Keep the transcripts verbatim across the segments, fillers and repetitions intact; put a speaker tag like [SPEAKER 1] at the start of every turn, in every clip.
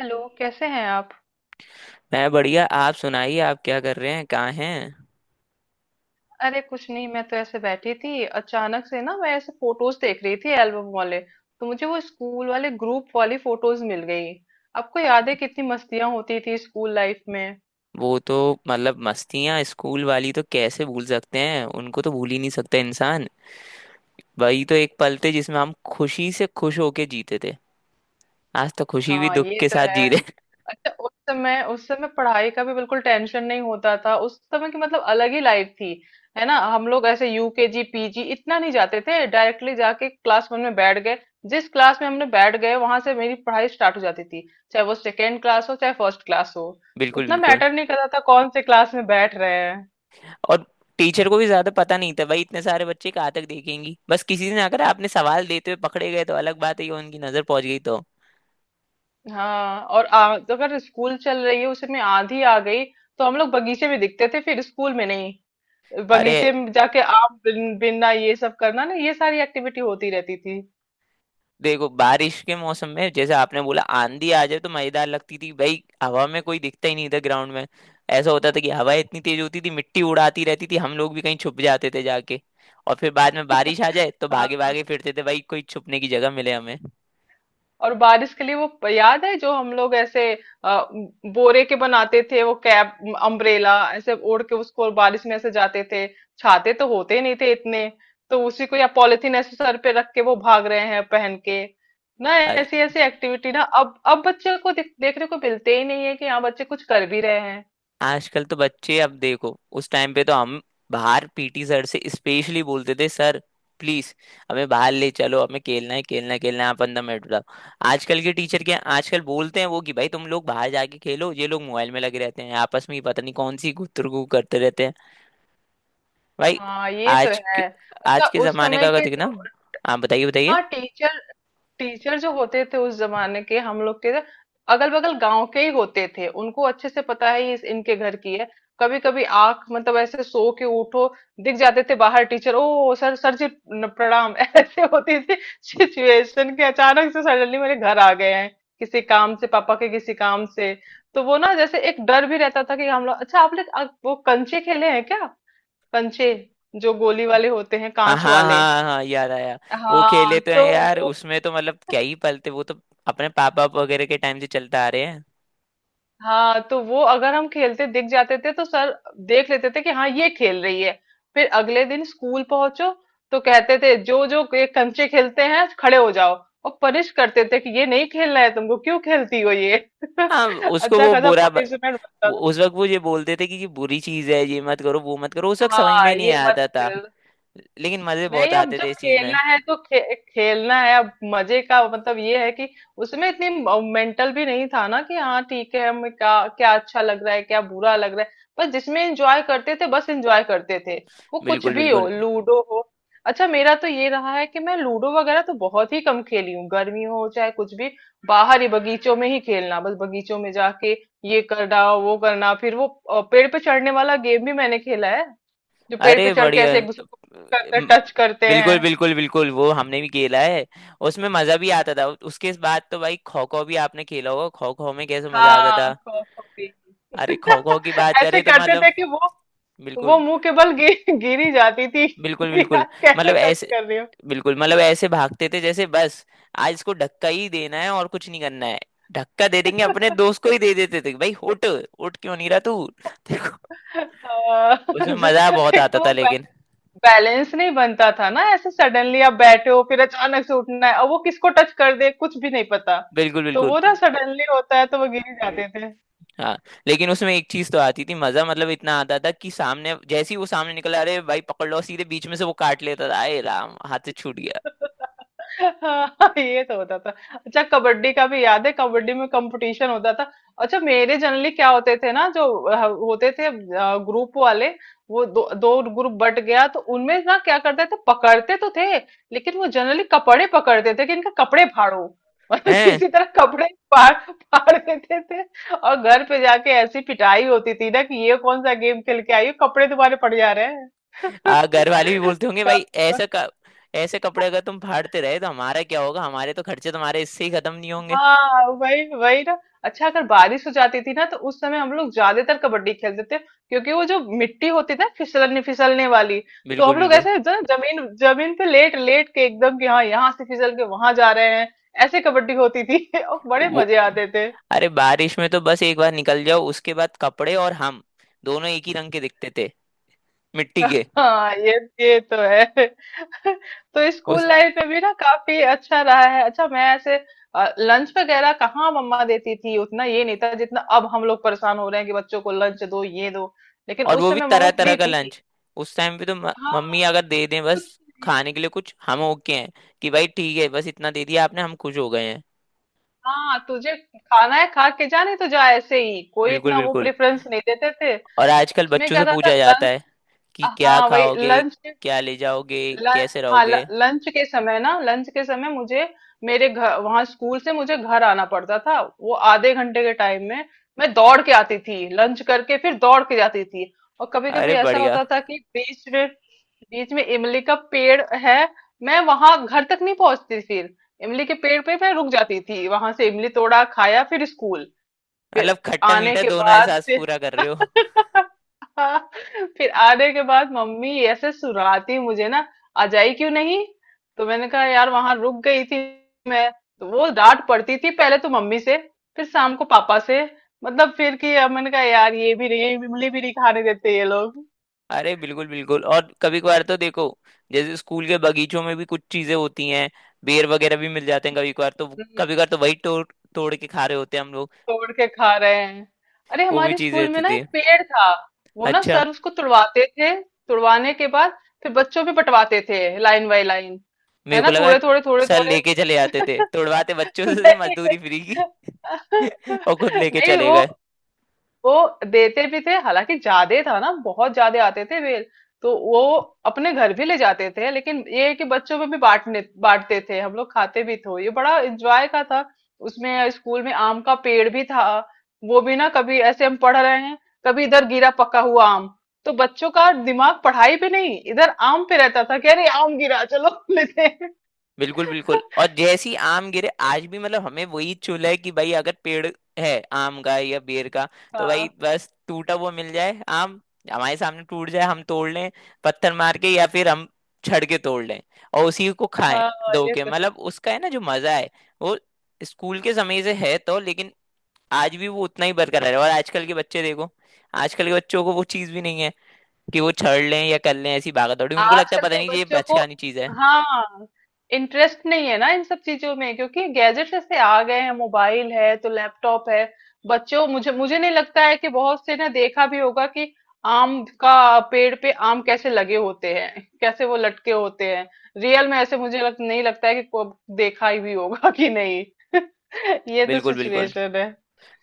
[SPEAKER 1] Hello, कैसे हैं आप।
[SPEAKER 2] मैं बढ़िया। आप सुनाइए आप क्या कर रहे हैं, कहाँ हैं?
[SPEAKER 1] अरे कुछ नहीं, मैं तो ऐसे बैठी थी। अचानक से ना मैं ऐसे फोटोज देख रही थी, एल्बम वाले, तो मुझे वो स्कूल वाले ग्रुप वाली फोटोज मिल गई। आपको याद है कितनी मस्तियां होती थी स्कूल लाइफ में।
[SPEAKER 2] वो तो मतलब मस्तियाँ स्कूल वाली तो कैसे भूल सकते हैं, उनको तो भूल ही नहीं सकते इंसान। वही तो एक पल थे जिसमें हम खुशी से खुश होके जीते थे। आज तो खुशी भी
[SPEAKER 1] हाँ
[SPEAKER 2] दुख
[SPEAKER 1] ये
[SPEAKER 2] के
[SPEAKER 1] तो
[SPEAKER 2] साथ
[SPEAKER 1] है।
[SPEAKER 2] जी रहे हैं।
[SPEAKER 1] अच्छा उस समय उस समय पढ़ाई का भी बिल्कुल टेंशन नहीं होता था। उस समय की मतलब अलग ही लाइफ थी। है ना, हम लोग ऐसे यूकेजी पीजी इतना नहीं जाते थे, डायरेक्टली जाके क्लास वन में बैठ गए। जिस क्लास में हमने बैठ गए वहां से मेरी पढ़ाई स्टार्ट हो जाती थी, चाहे वो सेकेंड क्लास हो चाहे फर्स्ट क्लास हो।
[SPEAKER 2] बिल्कुल
[SPEAKER 1] उतना
[SPEAKER 2] बिल्कुल।
[SPEAKER 1] मैटर नहीं करता था कौन से क्लास में बैठ रहे हैं।
[SPEAKER 2] और टीचर को भी ज्यादा पता नहीं था भाई, इतने सारे बच्चे कहाँ तक देखेंगी, बस किसी ने आकर आपने सवाल देते हुए पकड़े गए तो अलग बात है कि उनकी नजर पहुंच गई तो।
[SPEAKER 1] हाँ, और आ, तो अगर स्कूल चल रही है उसमें आंधी आ गई तो हम लोग बगीचे में दिखते थे, फिर स्कूल में नहीं।
[SPEAKER 2] अरे,
[SPEAKER 1] बगीचे में जाके आम बिन, बिनना ये सब करना ना, ये सारी एक्टिविटी होती रहती थी।
[SPEAKER 2] देखो बारिश के मौसम में जैसे आपने बोला आंधी आ जाए तो मजेदार लगती थी भाई, हवा में कोई दिखता ही नहीं था ग्राउंड में। ऐसा होता था कि हवा इतनी तेज होती थी, मिट्टी उड़ाती रहती थी, हम लोग भी कहीं छुप जाते थे जाके। और फिर बाद में बारिश आ जाए तो भागे
[SPEAKER 1] हाँ,
[SPEAKER 2] भागे फिरते थे भाई, कोई छुपने की जगह मिले हमें।
[SPEAKER 1] और बारिश के लिए वो प- याद है जो हम लोग ऐसे अ, बोरे के बनाते थे वो कैप, अम्ब्रेला, ऐसे ओढ़ के उसको बारिश में ऐसे जाते थे। छाते तो होते नहीं थे इतने, तो उसी को या पॉलिथीन ऐसे सर पे रख के वो भाग रहे हैं पहन के। ना ऐसी ऐसी एक्टिविटी ना, अब अब बच्चे को देख, देखने को मिलते ही नहीं है कि हाँ बच्चे कुछ कर भी रहे हैं।
[SPEAKER 2] आजकल तो बच्चे, अब देखो उस टाइम पे तो हम बाहर पीटी सर से स्पेशली बोलते थे, सर प्लीज हमें बाहर ले चलो, हमें खेलना है खेलना है खेलना है, आप अंदर मिनट बताओ। आजकल के टीचर क्या आजकल बोलते हैं वो कि भाई तुम लोग बाहर जाके खेलो, ये लोग मोबाइल में लगे रहते हैं आपस में ही, पता नहीं कौन सी गुतरगू करते रहते हैं भाई।
[SPEAKER 1] हाँ ये तो
[SPEAKER 2] आज के
[SPEAKER 1] है। अच्छा
[SPEAKER 2] आज के
[SPEAKER 1] उस
[SPEAKER 2] जमाने
[SPEAKER 1] समय
[SPEAKER 2] का अगर
[SPEAKER 1] के
[SPEAKER 2] देखना।
[SPEAKER 1] जो,
[SPEAKER 2] आप बताइए बताइए।
[SPEAKER 1] हाँ टीचर, टीचर जो होते थे उस जमाने के हम लोग के, अगल बगल गांव के ही होते थे। उनको अच्छे से पता है ये इस इनके घर की है। कभी कभी आंख, मतलब ऐसे सो के उठो, दिख जाते थे बाहर टीचर। ओ सर, सर जी, न- प्रणाम। ऐसे होती थी सिचुएशन के अचानक से, सडनली मेरे घर आ गए हैं, किसी काम से, पापा के किसी काम से। तो वो ना जैसे एक डर भी रहता था कि हम लोग। अच्छा आप लोग आप वो कंचे खेले हैं क्या, कंचे, जो गोली वाले होते हैं
[SPEAKER 2] हाँ
[SPEAKER 1] कांच
[SPEAKER 2] हाँ हाँ
[SPEAKER 1] वाले।
[SPEAKER 2] हाँ हाँ, याद आया। वो खेले
[SPEAKER 1] हाँ
[SPEAKER 2] तो
[SPEAKER 1] तो
[SPEAKER 2] हैं यार,
[SPEAKER 1] वो,
[SPEAKER 2] उसमें तो मतलब क्या ही पलते, वो तो अपने पापा वगैरह के टाइम से चलता आ रहे हैं।
[SPEAKER 1] हाँ तो वो अगर हम खेलते दिख जाते थे तो सर देख लेते थे कि हाँ ये खेल रही है। फिर अगले दिन स्कूल पहुंचो तो कहते थे जो जो ये कंचे खेलते हैं खड़े हो जाओ, और पनिश करते थे कि ये नहीं खेलना है तुमको, क्यों खेलती हो ये।
[SPEAKER 2] हाँ। उसको
[SPEAKER 1] अच्छा
[SPEAKER 2] वो
[SPEAKER 1] खासा
[SPEAKER 2] बुरा ब-
[SPEAKER 1] पनिशमेंट बनता
[SPEAKER 2] वो-
[SPEAKER 1] था।
[SPEAKER 2] उस वक्त वो ये बोलते थे कि ये बुरी चीज है, ये मत करो वो मत करो, उस वक्त समझ
[SPEAKER 1] हाँ
[SPEAKER 2] में नहीं
[SPEAKER 1] ये मत
[SPEAKER 2] आता था।
[SPEAKER 1] खेल।
[SPEAKER 2] लेकिन मजे बहुत
[SPEAKER 1] नहीं, अब
[SPEAKER 2] आते
[SPEAKER 1] जब
[SPEAKER 2] थे इस चीज में।
[SPEAKER 1] खेलना है तो खे, खेलना है। अब मजे का मतलब ये है कि उसमें इतनी मेंटल भी नहीं था ना कि हाँ ठीक है, हमें क्या क्या अच्छा लग रहा है क्या बुरा लग रहा है। बस जिसमें एंजॉय करते थे बस एंजॉय करते थे। वो कुछ
[SPEAKER 2] बिल्कुल
[SPEAKER 1] भी हो,
[SPEAKER 2] बिल्कुल।
[SPEAKER 1] लूडो हो। अच्छा मेरा तो ये रहा है कि मैं लूडो वगैरह तो बहुत ही कम खेली हूँ। गर्मी हो चाहे कुछ भी, बाहर ही बगीचों में ही खेलना, बस बगीचों में जाके ये करना वो करना। फिर वो अ, पेड़ पे चढ़ने वाला गेम भी मैंने खेला है। जो पेड़ पे
[SPEAKER 2] अरे
[SPEAKER 1] चढ़ के
[SPEAKER 2] बढ़िया।
[SPEAKER 1] ऐसे एक दूसरे को करते
[SPEAKER 2] म-
[SPEAKER 1] टच करते हैं।
[SPEAKER 2] बिल्कुल बिल्कुल बिल्कुल, वो हमने भी खेला है। उसमें मजा भी आता था। उसके बाद तो भाई खो खो भी आपने खेला होगा, खो खो में कैसे मजा आता था।
[SPEAKER 1] हाँ खो खो भी।
[SPEAKER 2] अरे खो खो की बात
[SPEAKER 1] ऐसे
[SPEAKER 2] करें तो
[SPEAKER 1] करते
[SPEAKER 2] मतलब
[SPEAKER 1] थे कि वो वो
[SPEAKER 2] बिल्कुल।
[SPEAKER 1] मुंह के बल गिर गिरी जाती थी।
[SPEAKER 2] बिल्कुल
[SPEAKER 1] यार
[SPEAKER 2] बिल्कुल
[SPEAKER 1] कैसे
[SPEAKER 2] मतलब
[SPEAKER 1] टच
[SPEAKER 2] ऐसे,
[SPEAKER 1] कर रही हो।
[SPEAKER 2] बिल्कुल मतलब ऐसे भागते थे जैसे बस आज इसको धक्का ही देना है और कुछ नहीं करना है। धक्का दे देंगे, अपने दोस्त को ही दे देते थे भाई, उठ उठ क्यों नहीं रहा तू। देखो।
[SPEAKER 1] आ,
[SPEAKER 2] उसमें
[SPEAKER 1] जो-
[SPEAKER 2] मजा बहुत
[SPEAKER 1] एक
[SPEAKER 2] आता
[SPEAKER 1] तो वो
[SPEAKER 2] था
[SPEAKER 1] बै-
[SPEAKER 2] लेकिन।
[SPEAKER 1] बैलेंस नहीं बनता था ना। ऐसे सडनली आप बैठे हो फिर अचानक से उठना है, और वो किसको टच कर दे कुछ भी नहीं पता।
[SPEAKER 2] बिल्कुल
[SPEAKER 1] तो
[SPEAKER 2] बिल्कुल।
[SPEAKER 1] वो ना सडनली होता है तो वो गिर ही जाते थे।
[SPEAKER 2] हाँ। लेकिन उसमें एक चीज तो आती थी, मजा मतलब इतना आता था कि सामने जैसे ही वो सामने निकला अरे भाई पकड़ लो, सीधे बीच में से वो काट लेता था, आए राम हाथ से छूट गया
[SPEAKER 1] हाँ ये तो होता था। अच्छा कबड्डी का भी याद है, कबड्डी में कंपटीशन होता था। अच्छा मेरे जनरली क्या होते थे ना जो अ, होते थे ग्रुप वाले, वो दो दो ग्रुप बट गया तो उनमें ना क्या करते थे, पकड़ते तो थे लेकिन वो जनरली कपड़े पकड़ते थे कि इनका कपड़े फाड़ो। मतलब
[SPEAKER 2] है।
[SPEAKER 1] किसी तरह कपड़े फाड़ फाड़ देते थे। और घर पे जाके ऐसी पिटाई होती थी ना कि ये कौन सा गेम खेल के आई हो, कपड़े तुम्हारे पड़ जा रहे हैं।
[SPEAKER 2] आ घर वाले भी बोलते होंगे भाई
[SPEAKER 1] काफी।
[SPEAKER 2] ऐसा क- ऐसे कपड़े अगर तुम फाड़ते रहे तो हमारा क्या होगा, हमारे तो खर्चे तुम्हारे इससे ही खत्म नहीं होंगे।
[SPEAKER 1] हाँ वही वही ना। अच्छा अगर बारिश हो जाती थी ना तो उस समय हम लोग ज्यादातर कबड्डी खेलते थे, क्योंकि वो जो मिट्टी होती थी ना फिसलने फिसलने वाली, तो हम
[SPEAKER 2] बिल्कुल
[SPEAKER 1] लोग
[SPEAKER 2] बिल्कुल।
[SPEAKER 1] ऐसे जो ना जमीन जमीन पे लेट लेट के एकदम कि हाँ यहाँ से फिसल के वहां जा रहे हैं। ऐसे कबड्डी होती थी। और बड़े
[SPEAKER 2] वो,
[SPEAKER 1] मजे आते थे।
[SPEAKER 2] अरे बारिश में तो बस एक बार निकल जाओ, उसके बाद कपड़े और हम दोनों एक ही रंग के दिखते थे, मिट्टी के।
[SPEAKER 1] हाँ ये ये तो है। तो
[SPEAKER 2] उस
[SPEAKER 1] स्कूल लाइफ में भी ना काफी अच्छा रहा है। अच्छा मैं ऐसे लंच वगैरह कहाँ, मम्मा देती थी उतना ये नहीं था जितना अब हम लोग परेशान हो रहे हैं कि बच्चों को लंच दो ये दो। लेकिन
[SPEAKER 2] और
[SPEAKER 1] उस
[SPEAKER 2] वो भी
[SPEAKER 1] समय
[SPEAKER 2] तरह
[SPEAKER 1] मम्मा
[SPEAKER 2] तरह
[SPEAKER 1] फ्री
[SPEAKER 2] का
[SPEAKER 1] थी।
[SPEAKER 2] लंच। उस टाइम पे तो म, मम्मी
[SPEAKER 1] हाँ,
[SPEAKER 2] अगर दे दें बस,
[SPEAKER 1] कुछ नहीं।
[SPEAKER 2] खाने के लिए कुछ हम ओके हैं कि भाई ठीक है बस इतना दे दिया आपने, हम खुश हो गए हैं।
[SPEAKER 1] हाँ तुझे खाना है खा के जा, नहीं तो जा, ऐसे ही कोई
[SPEAKER 2] बिल्कुल
[SPEAKER 1] इतना वो
[SPEAKER 2] बिल्कुल।
[SPEAKER 1] प्रेफरेंस नहीं देते थे।
[SPEAKER 2] और
[SPEAKER 1] तो
[SPEAKER 2] आजकल
[SPEAKER 1] उसमें
[SPEAKER 2] बच्चों से
[SPEAKER 1] क्या था, था
[SPEAKER 2] पूछा जाता
[SPEAKER 1] लंच।
[SPEAKER 2] है कि क्या
[SPEAKER 1] हाँ वही
[SPEAKER 2] खाओगे,
[SPEAKER 1] लंच।
[SPEAKER 2] क्या ले जाओगे,
[SPEAKER 1] लं-
[SPEAKER 2] कैसे
[SPEAKER 1] हाँ ल-
[SPEAKER 2] रहोगे।
[SPEAKER 1] लंच के समय ना, लंच के समय मुझे, मेरे घर वहां स्कूल से मुझे घर आना पड़ता था वो आधे घंटे के टाइम में। मैं दौड़ के आती थी, लंच करके फिर दौड़ के जाती थी। और कभी
[SPEAKER 2] अरे
[SPEAKER 1] कभी ऐसा
[SPEAKER 2] बढ़िया।
[SPEAKER 1] होता था कि बीच में बीच में इमली का पेड़ है, मैं वहां घर तक नहीं पहुंचती। फिर इमली के पेड़ पे मैं रुक जाती थी, वहां से इमली तोड़ा खाया फिर स्कूल।
[SPEAKER 2] मतलब
[SPEAKER 1] फिर
[SPEAKER 2] खट्टा
[SPEAKER 1] आने
[SPEAKER 2] मीठा
[SPEAKER 1] के
[SPEAKER 2] दोनों
[SPEAKER 1] बाद
[SPEAKER 2] एहसास
[SPEAKER 1] फिर,
[SPEAKER 2] पूरा कर रहे हो।
[SPEAKER 1] फिर आने के बाद मम्मी ऐसे सुराती मुझे ना, आ जाई क्यों नहीं। तो मैंने कहा यार वहां रुक गई थी मैं। तो वो डांट पड़ती थी पहले तो मम्मी से, फिर शाम को पापा से। मतलब फिर कि अब मैंने कहा यार ये भी नहीं, ये इमली भी नहीं खाने देते ये लोग।
[SPEAKER 2] अरे बिल्कुल बिल्कुल। और कभी कभार तो देखो, जैसे स्कूल के बगीचों में भी कुछ चीजें होती हैं, बेर वगैरह भी मिल जाते हैं कभी कभार तो। कभी कभार तो वही तोड़ तोड़ के खा रहे होते हैं हम लोग।
[SPEAKER 1] तोड़ के खा रहे हैं। अरे
[SPEAKER 2] वो भी
[SPEAKER 1] हमारे
[SPEAKER 2] चीजें
[SPEAKER 1] स्कूल में
[SPEAKER 2] होती
[SPEAKER 1] ना एक
[SPEAKER 2] थी।
[SPEAKER 1] पेड़ था, वो ना
[SPEAKER 2] अच्छा,
[SPEAKER 1] सर उसको तुड़वाते थे। तुड़वाने के बाद फिर बच्चों पे बंटवाते थे, लाइन बाय लाइन। है
[SPEAKER 2] मेरे को
[SPEAKER 1] ना,
[SPEAKER 2] लगा
[SPEAKER 1] थोड़े थोड़े थोड़े
[SPEAKER 2] सर
[SPEAKER 1] थोड़े।
[SPEAKER 2] लेके चले जाते थे, तोड़वाते बच्चों से मजदूरी
[SPEAKER 1] नहीं,
[SPEAKER 2] फ्री की। और खुद लेके
[SPEAKER 1] नहीं
[SPEAKER 2] चले
[SPEAKER 1] वो,
[SPEAKER 2] गए।
[SPEAKER 1] वो देते भी थे, हालांकि ज्यादा था ना, बहुत ज्यादा आते थे बेल। तो वो अपने घर भी ले जाते थे लेकिन ये है कि बच्चों में भी बांटने बांटते थे, हम लोग खाते भी थे, ये बड़ा एंजॉय का था। उसमें स्कूल में आम का पेड़ भी था। वो भी ना, कभी ऐसे हम पढ़ रहे हैं, कभी इधर गिरा पका हुआ आम। तो बच्चों का दिमाग पढ़ाई पे नहीं, इधर आम पे रहता था कि अरे आम गिरा, चलो लेते हैं।
[SPEAKER 2] बिल्कुल बिल्कुल। और जैसी आम गिरे आज भी, मतलब हमें वही चूल है कि भाई अगर पेड़ है आम का या बेर का, तो भाई
[SPEAKER 1] हाँ
[SPEAKER 2] बस टूटा हुआ मिल जाए आम, हमारे सामने टूट जाए हम तोड़ लें, पत्थर मार के या फिर हम छड़ के तोड़ लें, और उसी को खाएं
[SPEAKER 1] हाँ
[SPEAKER 2] धो
[SPEAKER 1] ये
[SPEAKER 2] के।
[SPEAKER 1] तो है।
[SPEAKER 2] मतलब उसका है ना जो मजा है, वो स्कूल के समय से है तो, लेकिन आज भी वो उतना ही बरकरार है। और आजकल के बच्चे देखो, आजकल के बच्चों को वो चीज भी नहीं है कि वो छड़ लें या कर लें ऐसी भागा दौड़ी, उनको लगता है
[SPEAKER 1] आजकल
[SPEAKER 2] पता
[SPEAKER 1] के
[SPEAKER 2] नहीं ये
[SPEAKER 1] बच्चों को,
[SPEAKER 2] बचकानी चीज है।
[SPEAKER 1] हाँ, इंटरेस्ट नहीं है ना इन सब चीजों में, क्योंकि गैजेट्स ऐसे आ गए हैं, मोबाइल है तो लैपटॉप है। बच्चों, मुझे मुझे नहीं लगता है कि बहुत से ने देखा भी होगा कि आम का पेड़ पे आम कैसे लगे होते हैं, कैसे वो लटके होते हैं। रियल में ऐसे मुझे लग, नहीं लगता है कि को- देखा ही भी होगा कि नहीं। ये तो
[SPEAKER 2] बिल्कुल बिल्कुल
[SPEAKER 1] सिचुएशन है।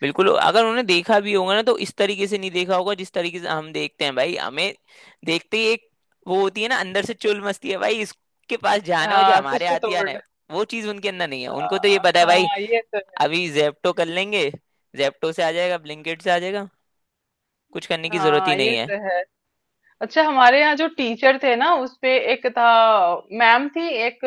[SPEAKER 2] बिल्कुल। अगर उन्होंने देखा भी होगा ना, तो इस तरीके से नहीं देखा होगा जिस तरीके से हम देखते हैं, भाई हमें देखते ही एक वो होती है ना अंदर से, चुल मस्ती है भाई इसके पास जाना हो जो
[SPEAKER 1] हाँ तो
[SPEAKER 2] हमारे
[SPEAKER 1] इसको
[SPEAKER 2] आती आना
[SPEAKER 1] तोड़,
[SPEAKER 2] है। वो चीज उनके अंदर नहीं है, उनको तो ये
[SPEAKER 1] हाँ
[SPEAKER 2] पता है भाई
[SPEAKER 1] हाँ ये तो है।
[SPEAKER 2] अभी जेप्टो कर लेंगे, जेप्टो से आ जाएगा, ब्लिंकिट से आ जाएगा, कुछ करने की जरूरत ही
[SPEAKER 1] हाँ
[SPEAKER 2] नहीं
[SPEAKER 1] ये
[SPEAKER 2] है।
[SPEAKER 1] तो है। अच्छा हमारे यहाँ जो टीचर थे ना, उसपे एक था, मैम थी एक,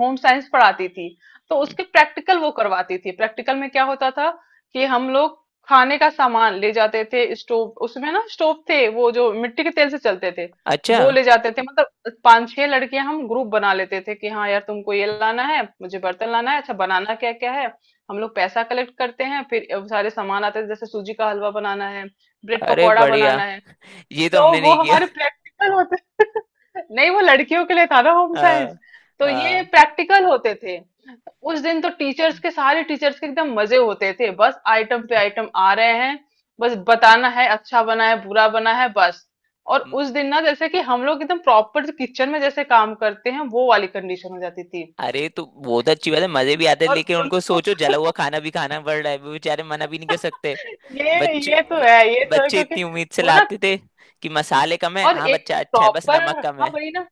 [SPEAKER 1] होम साइंस पढ़ाती थी। तो
[SPEAKER 2] हम्म।
[SPEAKER 1] उसके प्रैक्टिकल वो करवाती थी। प्रैक्टिकल में क्या होता था कि हम लोग खाने का सामान ले जाते थे, स्टोव, उसमें ना स्टोव थे वो जो मिट्टी के तेल से चलते थे,
[SPEAKER 2] अच्छा।
[SPEAKER 1] वो ले जाते थे। मतलब पांच छह लड़कियां हम ग्रुप बना लेते थे कि हाँ यार तुमको ये लाना है, मुझे बर्तन लाना है, अच्छा बनाना क्या क्या है। हम लोग पैसा कलेक्ट करते हैं फिर सारे सामान आते थे, जैसे सूजी का हलवा बनाना है, ब्रेड
[SPEAKER 2] अरे
[SPEAKER 1] पकौड़ा
[SPEAKER 2] बढ़िया।
[SPEAKER 1] बनाना है।
[SPEAKER 2] ये तो
[SPEAKER 1] तो
[SPEAKER 2] हमने
[SPEAKER 1] वो
[SPEAKER 2] नहीं किया।
[SPEAKER 1] हमारे प्रैक्टिकल होते। नहीं, वो लड़कियों के लिए था ना होम
[SPEAKER 2] हाँ।
[SPEAKER 1] साइंस, तो ये
[SPEAKER 2] हाँ।
[SPEAKER 1] प्रैक्टिकल होते थे। उस दिन तो टीचर्स के सारे टीचर्स के एकदम मजे होते थे, बस आइटम पे आइटम आ रहे हैं। बस बताना है अच्छा बना है बुरा बना है, बस। और उस दिन ना जैसे कि हम लोग एकदम प्रॉपर किचन में जैसे काम करते हैं, वो वाली कंडीशन हो जाती थी।
[SPEAKER 2] अरे तो वो तो अच्छी बात है, मजे भी आते हैं,
[SPEAKER 1] और
[SPEAKER 2] लेकिन उनको
[SPEAKER 1] उनको,
[SPEAKER 2] सोचो जला हुआ खाना भी खाना पड़ रहा है, वो बेचारे मना भी नहीं कर सकते।
[SPEAKER 1] ये
[SPEAKER 2] बच्चे
[SPEAKER 1] ये तो
[SPEAKER 2] ब-
[SPEAKER 1] है, ये तो है,
[SPEAKER 2] बच्चे
[SPEAKER 1] क्योंकि
[SPEAKER 2] इतनी उम्मीद से
[SPEAKER 1] वो ना।
[SPEAKER 2] लाते थे कि मसाले कम है,
[SPEAKER 1] और
[SPEAKER 2] हाँ
[SPEAKER 1] एक तो
[SPEAKER 2] बच्चा अच्छा है बस
[SPEAKER 1] प्रॉपर,
[SPEAKER 2] नमक कम
[SPEAKER 1] हाँ
[SPEAKER 2] है।
[SPEAKER 1] वही ना,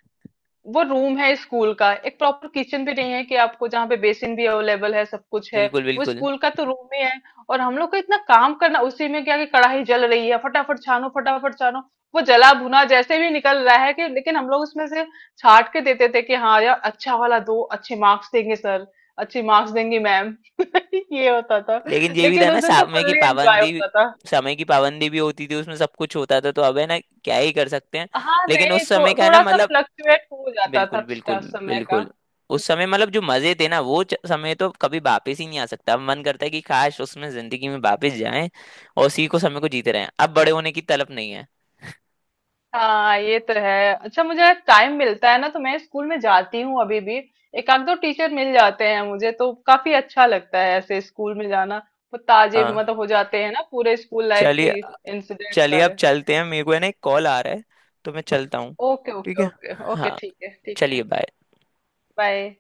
[SPEAKER 1] वो रूम है स्कूल का, एक प्रॉपर किचन भी नहीं है कि आपको जहाँ पे बेसिन भी अवेलेबल है सब कुछ है।
[SPEAKER 2] बिल्कुल
[SPEAKER 1] वो
[SPEAKER 2] बिल्कुल।
[SPEAKER 1] स्कूल का तो रूम ही है। और हम लोग को इतना काम करना उसी में, क्या कि कढ़ाई जल रही है, फटाफट छानो फटाफट छानो। वो जला भुना जैसे भी निकल रहा है, कि लेकिन हम लोग उसमें से छाट के देते थे कि हाँ यार अच्छा वाला दो, अच्छे मार्क्स देंगे सर, अच्छे मार्क्स देंगी मैम। ये होता था।
[SPEAKER 2] लेकिन ये भी था
[SPEAKER 1] लेकिन
[SPEAKER 2] ना,
[SPEAKER 1] उस दिन तो
[SPEAKER 2] समय की
[SPEAKER 1] फुल्ली एंजॉय
[SPEAKER 2] पाबंदी।
[SPEAKER 1] होता था।
[SPEAKER 2] समय की पाबंदी भी होती थी उसमें, सब कुछ होता था तो, अब है ना क्या ही कर सकते हैं।
[SPEAKER 1] हाँ
[SPEAKER 2] लेकिन उस
[SPEAKER 1] नहीं
[SPEAKER 2] समय
[SPEAKER 1] थो,
[SPEAKER 2] का है ना
[SPEAKER 1] थोड़ा सा
[SPEAKER 2] मतलब,
[SPEAKER 1] फ्लक्चुएट हो जाता
[SPEAKER 2] बिल्कुल बिल्कुल
[SPEAKER 1] था समय का।
[SPEAKER 2] बिल्कुल। उस समय मतलब जो मजे थे ना, वो च- समय तो कभी वापस ही नहीं आ सकता। अब मन करता है कि काश उसमें जिंदगी में वापस जाएं, और उसी को समय को जीते रहें, अब बड़े होने की तलब नहीं है।
[SPEAKER 1] हाँ ये तो है। अच्छा मुझे टाइम मिलता है ना तो मैं स्कूल में जाती हूँ अभी भी। एक आध दो टीचर मिल जाते हैं, मुझे तो काफी अच्छा लगता है ऐसे स्कूल में जाना। वो ताजे
[SPEAKER 2] हाँ।
[SPEAKER 1] मतलब हो जाते हैं ना पूरे स्कूल लाइफ
[SPEAKER 2] चलिए।
[SPEAKER 1] की इंसिडेंट
[SPEAKER 2] चलिए अब
[SPEAKER 1] सारे।
[SPEAKER 2] चलते हैं, मेरे को है ना एक कॉल आ रहा है, तो मैं चलता हूँ।
[SPEAKER 1] ओके
[SPEAKER 2] ठीक
[SPEAKER 1] ओके
[SPEAKER 2] है।
[SPEAKER 1] ओके ओके,
[SPEAKER 2] हाँ।
[SPEAKER 1] ठीक है ठीक
[SPEAKER 2] चलिए,
[SPEAKER 1] है।
[SPEAKER 2] बाय।
[SPEAKER 1] बाय।